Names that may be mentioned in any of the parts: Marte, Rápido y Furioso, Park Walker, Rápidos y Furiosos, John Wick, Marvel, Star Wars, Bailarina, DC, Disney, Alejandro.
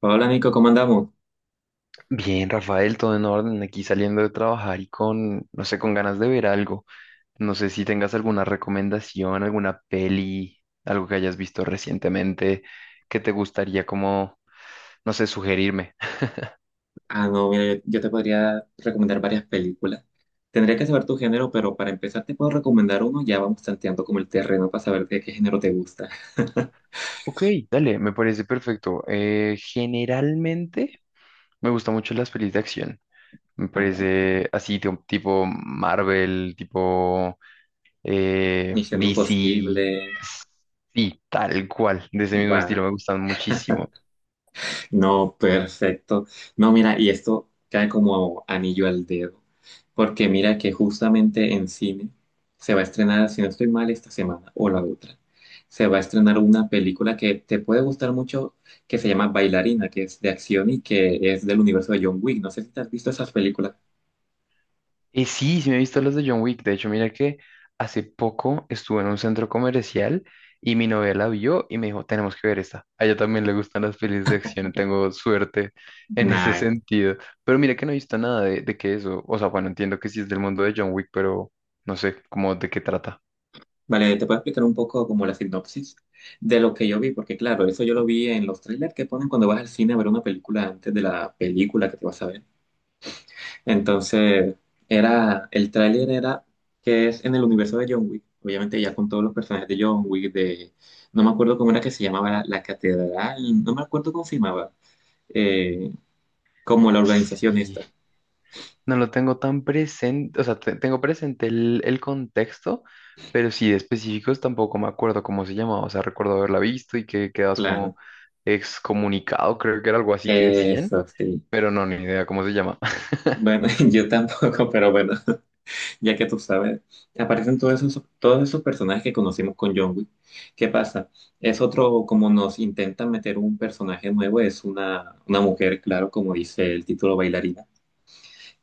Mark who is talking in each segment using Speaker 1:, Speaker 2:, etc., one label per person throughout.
Speaker 1: Hola Nico, ¿cómo andamos?
Speaker 2: Bien, Rafael, todo en orden, aquí saliendo de trabajar y con, no sé, con ganas de ver algo. No sé si tengas alguna recomendación, alguna peli, algo que hayas visto recientemente que te gustaría como, no sé, sugerirme.
Speaker 1: Ah, no, mira, yo te podría recomendar varias películas. Tendría que saber tu género, pero para empezar te puedo recomendar uno. Ya vamos tanteando como el terreno para saber de qué género te gusta.
Speaker 2: Ok, dale, me parece perfecto. Generalmente me gustan mucho las pelis de acción. Me
Speaker 1: Ah, vale.
Speaker 2: parece así, tipo Marvel, tipo
Speaker 1: Misión
Speaker 2: DC.
Speaker 1: Imposible,
Speaker 2: Sí, tal cual, de ese mismo estilo
Speaker 1: va.
Speaker 2: me gustan muchísimo.
Speaker 1: No, perfecto. No, mira, y esto cae como anillo al dedo, porque mira que justamente en cine se va a estrenar, si no estoy mal, esta semana o la otra, se va a estrenar una película que te puede gustar mucho, que se llama Bailarina, que es de acción y que es del universo de John Wick. No sé si te has visto esas películas.
Speaker 2: Y sí, sí me he visto los de John Wick. De hecho, mira que hace poco estuve en un centro comercial y mi novia la vio y me dijo, tenemos que ver esta. A ella también le gustan las pelis de acción, tengo suerte en ese
Speaker 1: Nah.
Speaker 2: sentido. Pero mira que no he visto nada de que eso. O sea, bueno, entiendo que sí es del mundo de John Wick, pero no sé cómo de qué trata.
Speaker 1: Vale, te puedo explicar un poco como la sinopsis de lo que yo vi, porque claro, eso yo lo vi en los trailers que ponen cuando vas al cine a ver una película antes de la película que te vas a ver. Entonces, era, el tráiler era que es en el universo de John Wick, obviamente ya con todos los personajes de John Wick, de, no me acuerdo cómo era que se llamaba la catedral, no me acuerdo cómo se llamaba, eh, como la organización
Speaker 2: Sí.
Speaker 1: esta,
Speaker 2: No lo tengo tan presente, o sea, tengo presente el contexto, pero sí de específicos tampoco me acuerdo cómo se llamaba, o sea, recuerdo haberla visto y que quedabas
Speaker 1: claro.
Speaker 2: como excomunicado, creo que era algo así que decían,
Speaker 1: Eso sí.
Speaker 2: pero no, ni idea cómo se llama.
Speaker 1: Bueno, yo tampoco, pero bueno, ya que tú sabes, aparecen todos esos personajes que conocimos con John Wick. ¿Qué pasa? Es otro, como nos intentan meter un personaje nuevo, es una mujer, claro, como dice el título bailarina,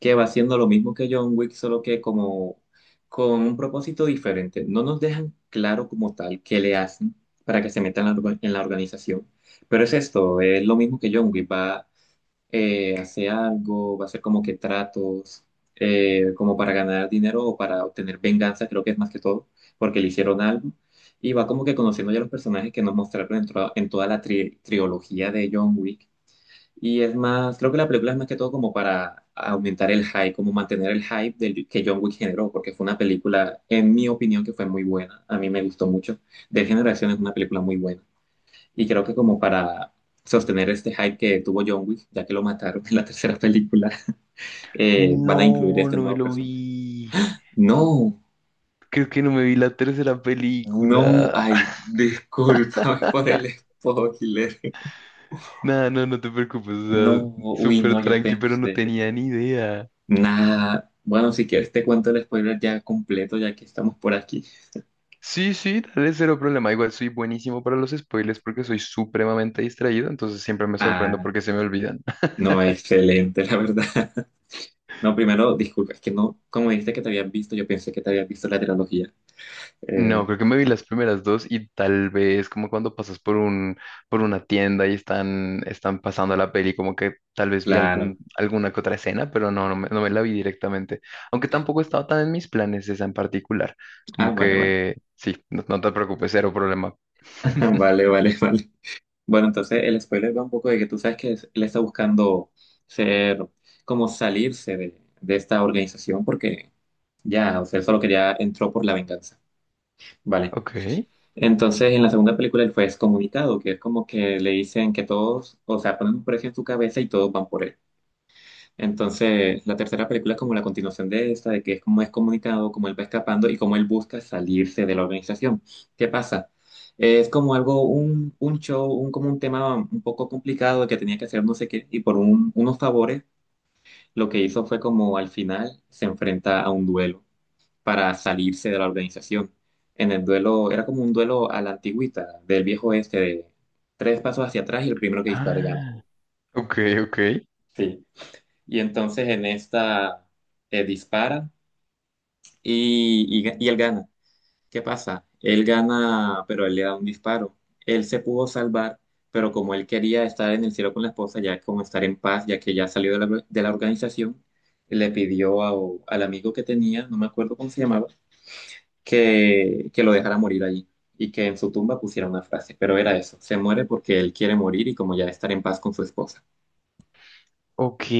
Speaker 1: que va haciendo lo mismo que John Wick, solo que como con un propósito diferente. No nos dejan claro como tal qué le hacen para que se metan en en la organización, pero es esto, es lo mismo que John Wick, va, a hacer algo, va a hacer como que tratos, como para ganar dinero o para obtener venganza, creo que es más que todo, porque le hicieron algo. Y va como que conociendo ya los personajes que nos mostraron en toda la trilogía de John Wick. Y es más, creo que la película es más que todo como para aumentar el hype, como mantener el hype del, que John Wick generó, porque fue una película, en mi opinión, que fue muy buena. A mí me gustó mucho. De Generación es una película muy buena. Y creo que como para sostener este hype que tuvo John Wick, ya que lo mataron en la tercera película,
Speaker 2: No,
Speaker 1: van a incluir este
Speaker 2: no me
Speaker 1: nuevo
Speaker 2: lo vi.
Speaker 1: personaje. No,
Speaker 2: Creo que no me vi la tercera
Speaker 1: no,
Speaker 2: película.
Speaker 1: ay, discúlpame por el spoiler.
Speaker 2: Nada, no, no te preocupes, o
Speaker 1: No,
Speaker 2: sea,
Speaker 1: uy,
Speaker 2: súper
Speaker 1: no, yo
Speaker 2: tranqui, pero no
Speaker 1: pensé.
Speaker 2: tenía ni idea.
Speaker 1: Nada, bueno, si quieres te cuento el spoiler ya completo, ya que estamos por aquí.
Speaker 2: Sí, sí, dale cero problema. Igual soy buenísimo para los spoilers porque soy supremamente distraído, entonces siempre me sorprendo
Speaker 1: Ah,
Speaker 2: porque se me olvidan.
Speaker 1: no, excelente, la verdad. No, primero, disculpa, es que no, como dijiste que te habías visto, yo pensé que te habías visto la trilogía.
Speaker 2: No,
Speaker 1: Eh,
Speaker 2: creo que me vi las primeras dos y tal vez como cuando pasas por por una tienda y están pasando la peli, como que tal vez vi
Speaker 1: claro.
Speaker 2: alguna que otra escena, pero no, no me, no me la vi directamente. Aunque tampoco estaba tan en mis planes esa en particular.
Speaker 1: Ah,
Speaker 2: Como
Speaker 1: vale, vale.
Speaker 2: que sí, no, no te preocupes, cero problema.
Speaker 1: Vale, vale, vale. Bueno, entonces el spoiler va un poco de que tú sabes que él está buscando ser, como salirse de esta organización porque ya, o sea, él solo quería, entró por la venganza. Vale.
Speaker 2: Ok.
Speaker 1: Entonces, en la segunda película él fue excomunicado, que es como que le dicen que todos, o sea, ponen un precio en su cabeza y todos van por él. Entonces, la tercera película es como la continuación de esta, de que es como excomunicado, como él va escapando y como él busca salirse de la organización. ¿Qué pasa? Es como algo, un show, un, como un tema un poco complicado que tenía que hacer no sé qué, y por unos favores, lo que hizo fue como al final se enfrenta a un duelo para salirse de la organización. En el duelo, era como un duelo a la antigüita, del viejo oeste, de tres pasos hacia atrás y el primero que dispare gana.
Speaker 2: Ah, ok, ok.
Speaker 1: Sí. Y entonces en esta dispara y él gana. ¿Qué pasa? Él gana, pero él le da un disparo. Él se pudo salvar, pero como él quería estar en el cielo con la esposa, ya como estar en paz, ya que ya salió de de la organización, le pidió a- al amigo que tenía, no me acuerdo cómo se llamaba, que lo dejara morir allí y que en su tumba pusiera una frase, pero era eso, se muere porque él quiere morir y como ya estar en paz con su esposa.
Speaker 2: Ok,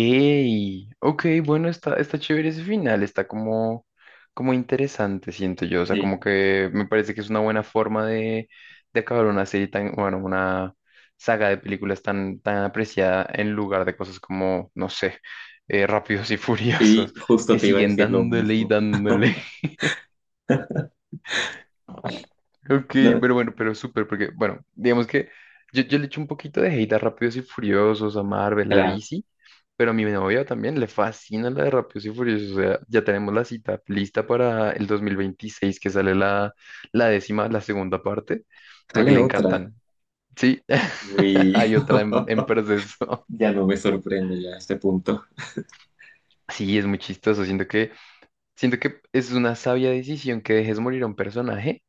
Speaker 2: ok, bueno, está, está chévere ese final, está como, como interesante, siento yo, o sea, como
Speaker 1: Sí,
Speaker 2: que me parece que es una buena forma de acabar una serie tan, bueno, una saga de películas tan, tan apreciada en lugar de cosas como, no sé, Rápidos y Furiosos,
Speaker 1: sí,
Speaker 2: que
Speaker 1: justo te iba a
Speaker 2: siguen
Speaker 1: decir lo
Speaker 2: dándole y
Speaker 1: mismo.
Speaker 2: dándole. Ok,
Speaker 1: No,
Speaker 2: pero bueno, pero súper, porque, bueno, digamos que yo le echo un poquito de hate a Rápidos y Furiosos, a Marvel, a
Speaker 1: claro.
Speaker 2: DC, pero a mi novia también le fascina la de Rápidos y Furiosos, o sea, ya tenemos la cita lista para el 2026 que sale la décima, la segunda parte, porque
Speaker 1: Sale
Speaker 2: le
Speaker 1: otra.
Speaker 2: encantan, ¿sí?
Speaker 1: Uy,
Speaker 2: Hay otra en proceso.
Speaker 1: ya no me sorprende ya a este punto.
Speaker 2: Sí, es muy chistoso, siento que es una sabia decisión que dejes morir a un personaje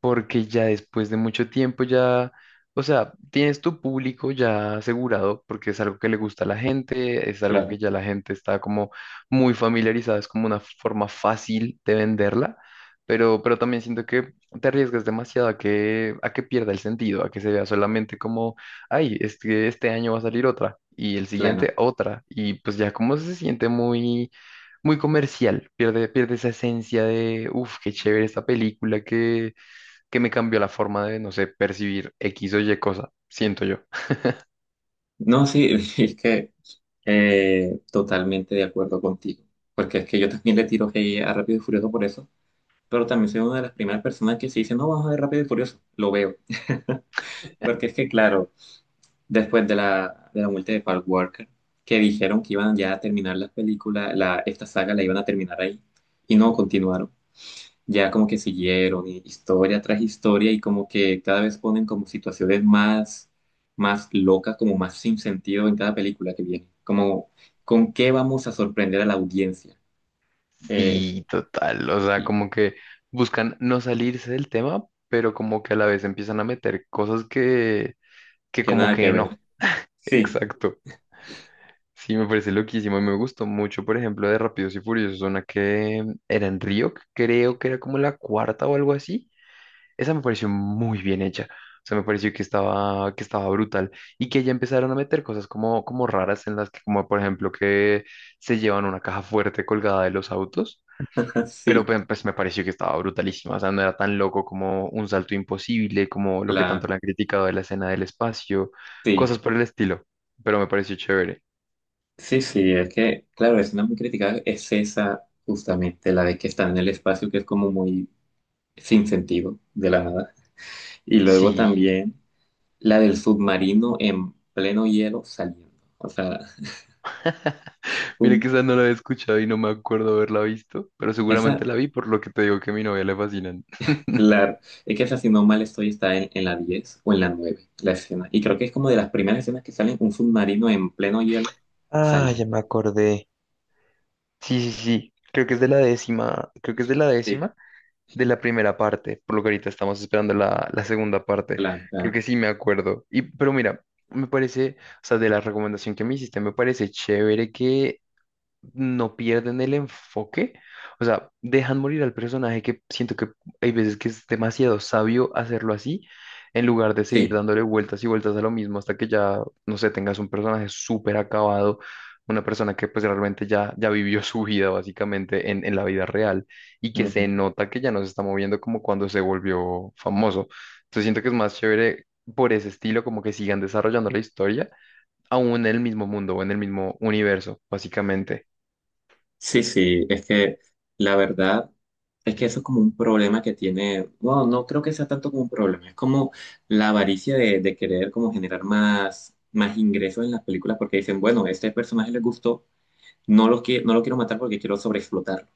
Speaker 2: porque ya después de mucho tiempo ya, o sea, tienes tu público ya asegurado porque es algo que le gusta a la gente, es algo que
Speaker 1: Claro,
Speaker 2: ya la gente está como muy familiarizada, es como una forma fácil de venderla, pero, también siento que te arriesgas demasiado a que pierda el sentido, a que se vea solamente como, ay, este año va a salir otra. Y el
Speaker 1: claro.
Speaker 2: siguiente, otra. Y pues ya como se siente muy, muy comercial, pierde, pierde esa esencia de, uff, qué chévere esta película que me cambió la forma de, no sé, percibir X o Y cosa, siento yo.
Speaker 1: No, sí, es que totalmente de acuerdo contigo, porque es que yo también le tiro hate a Rápido y Furioso por eso, pero también soy una de las primeras personas que se dice, no, vamos a ver Rápido y Furioso, lo veo. Porque es que, claro, después de de la muerte de Park Walker, que dijeron que iban ya a terminar la película, la, esta saga la iban a terminar ahí, y no continuaron. Ya como que siguieron, y historia tras historia, y como que cada vez ponen como situaciones más, más locas, como más sin sentido en cada película que viene. Como, ¿con qué vamos a sorprender a la audiencia? Eh,
Speaker 2: Sí, total, o sea,
Speaker 1: y
Speaker 2: como que buscan no salirse del tema, pero como que a la vez empiezan a meter cosas que
Speaker 1: que
Speaker 2: como
Speaker 1: nada
Speaker 2: que
Speaker 1: que
Speaker 2: no,
Speaker 1: ver. Sí,
Speaker 2: exacto. Sí, me parece loquísimo y me gustó mucho, por ejemplo, de Rápidos y Furiosos, una que era en Río, creo que era como la cuarta o algo así. Esa me pareció muy bien hecha. O sea, me pareció que estaba brutal y que ya empezaron a meter cosas como, como raras en las que, como por ejemplo, que se llevan una caja fuerte colgada de los autos, pero
Speaker 1: sí,
Speaker 2: pues me pareció que estaba brutalísima. O sea, no era tan loco como un salto imposible, como lo que tanto
Speaker 1: claro,
Speaker 2: le han criticado de la escena del espacio,
Speaker 1: sí.
Speaker 2: cosas por el estilo, pero me pareció chévere.
Speaker 1: Sí, sí, es que, claro, es una muy criticada, es esa justamente, la de que están en el espacio, que es como muy sin sentido, de la nada. Y luego
Speaker 2: Sí,
Speaker 1: también la del submarino en pleno hielo saliendo. O sea,
Speaker 2: mira que
Speaker 1: un-
Speaker 2: esa no la he escuchado y no me acuerdo haberla visto, pero seguramente
Speaker 1: esa,
Speaker 2: la vi por lo que te digo que a mi novia le fascinan.
Speaker 1: claro, es que esa, si no mal estoy, está en la 10 o en la 9 la escena. Y creo que es como de las primeras escenas que salen un submarino en pleno hielo
Speaker 2: Ah, ya
Speaker 1: saliendo.
Speaker 2: me acordé. Sí, sí, sí. Creo que es de la décima, creo que es de la
Speaker 1: Sí,
Speaker 2: décima de la primera parte, por lo que ahorita estamos esperando la segunda parte.
Speaker 1: claro,
Speaker 2: Creo
Speaker 1: claro.
Speaker 2: que sí me acuerdo. Y, pero mira, me parece, o sea, de la recomendación que me hiciste, me parece chévere que no pierden el enfoque, o sea, dejan morir al personaje que siento que hay veces que es demasiado sabio hacerlo así, en lugar de seguir
Speaker 1: Sí.
Speaker 2: dándole vueltas y vueltas a lo mismo hasta que ya, no sé, tengas un personaje súper acabado, una persona que pues realmente ya, ya vivió su vida básicamente en la vida real y que se nota que ya no se está moviendo como cuando se volvió famoso. Entonces siento que es más chévere por ese estilo, como que sigan desarrollando la historia, aún en el mismo mundo o en el mismo universo, básicamente.
Speaker 1: Sí, sí, es que la verdad es que eso es como un problema que tiene, bueno, no creo que sea tanto como un problema, es como la avaricia de querer como generar más, más ingresos en las películas porque dicen, bueno, este personaje le gustó, no lo, no lo quiero matar porque quiero sobreexplotarlo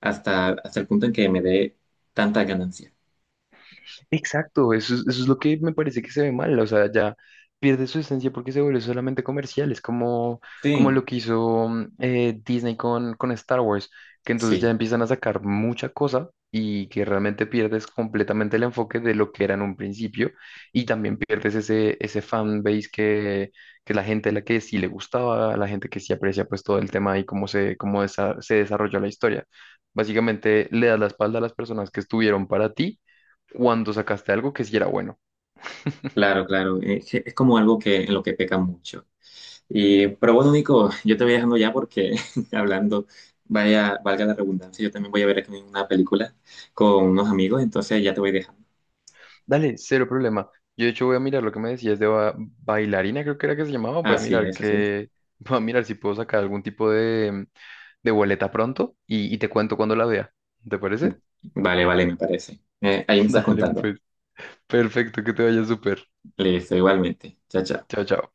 Speaker 1: hasta, hasta el punto en que me dé tanta ganancia.
Speaker 2: Exacto, eso, eso es lo que me parece que se ve mal, o sea, ya pierde su esencia porque se vuelve solamente comercial, es como, como lo
Speaker 1: Sí,
Speaker 2: que hizo Disney con Star Wars, que entonces ya
Speaker 1: sí,
Speaker 2: empiezan a sacar mucha cosa y que realmente pierdes completamente el enfoque de lo que era en un principio y también pierdes ese fan base que la gente a la que sí le gustaba, la gente que sí aprecia pues todo el tema y cómo se, cómo se desarrolló la historia. Básicamente le das la espalda a las personas que estuvieron para ti cuando sacaste algo que sí era bueno.
Speaker 1: claro, claro, es, que es como algo que, en lo que peca mucho. Y, pero bueno, Nico, yo te voy dejando ya porque hablando, vaya, valga la redundancia, yo también voy a ver aquí una película con unos amigos, entonces ya te voy dejando.
Speaker 2: Dale, cero problema. Yo de hecho voy a mirar lo que me decías de bailarina, creo que era que se llamaba. Voy a
Speaker 1: Así
Speaker 2: mirar
Speaker 1: es, así es.
Speaker 2: que, voy a mirar si puedo sacar algún tipo de boleta pronto y te cuento cuando la vea. ¿Te parece?
Speaker 1: Vale, vale, me parece. Ahí me estás
Speaker 2: Dale,
Speaker 1: contando.
Speaker 2: pues, perfecto, que te vaya súper.
Speaker 1: Listo, igualmente. Chao, chao.
Speaker 2: Chao, chao.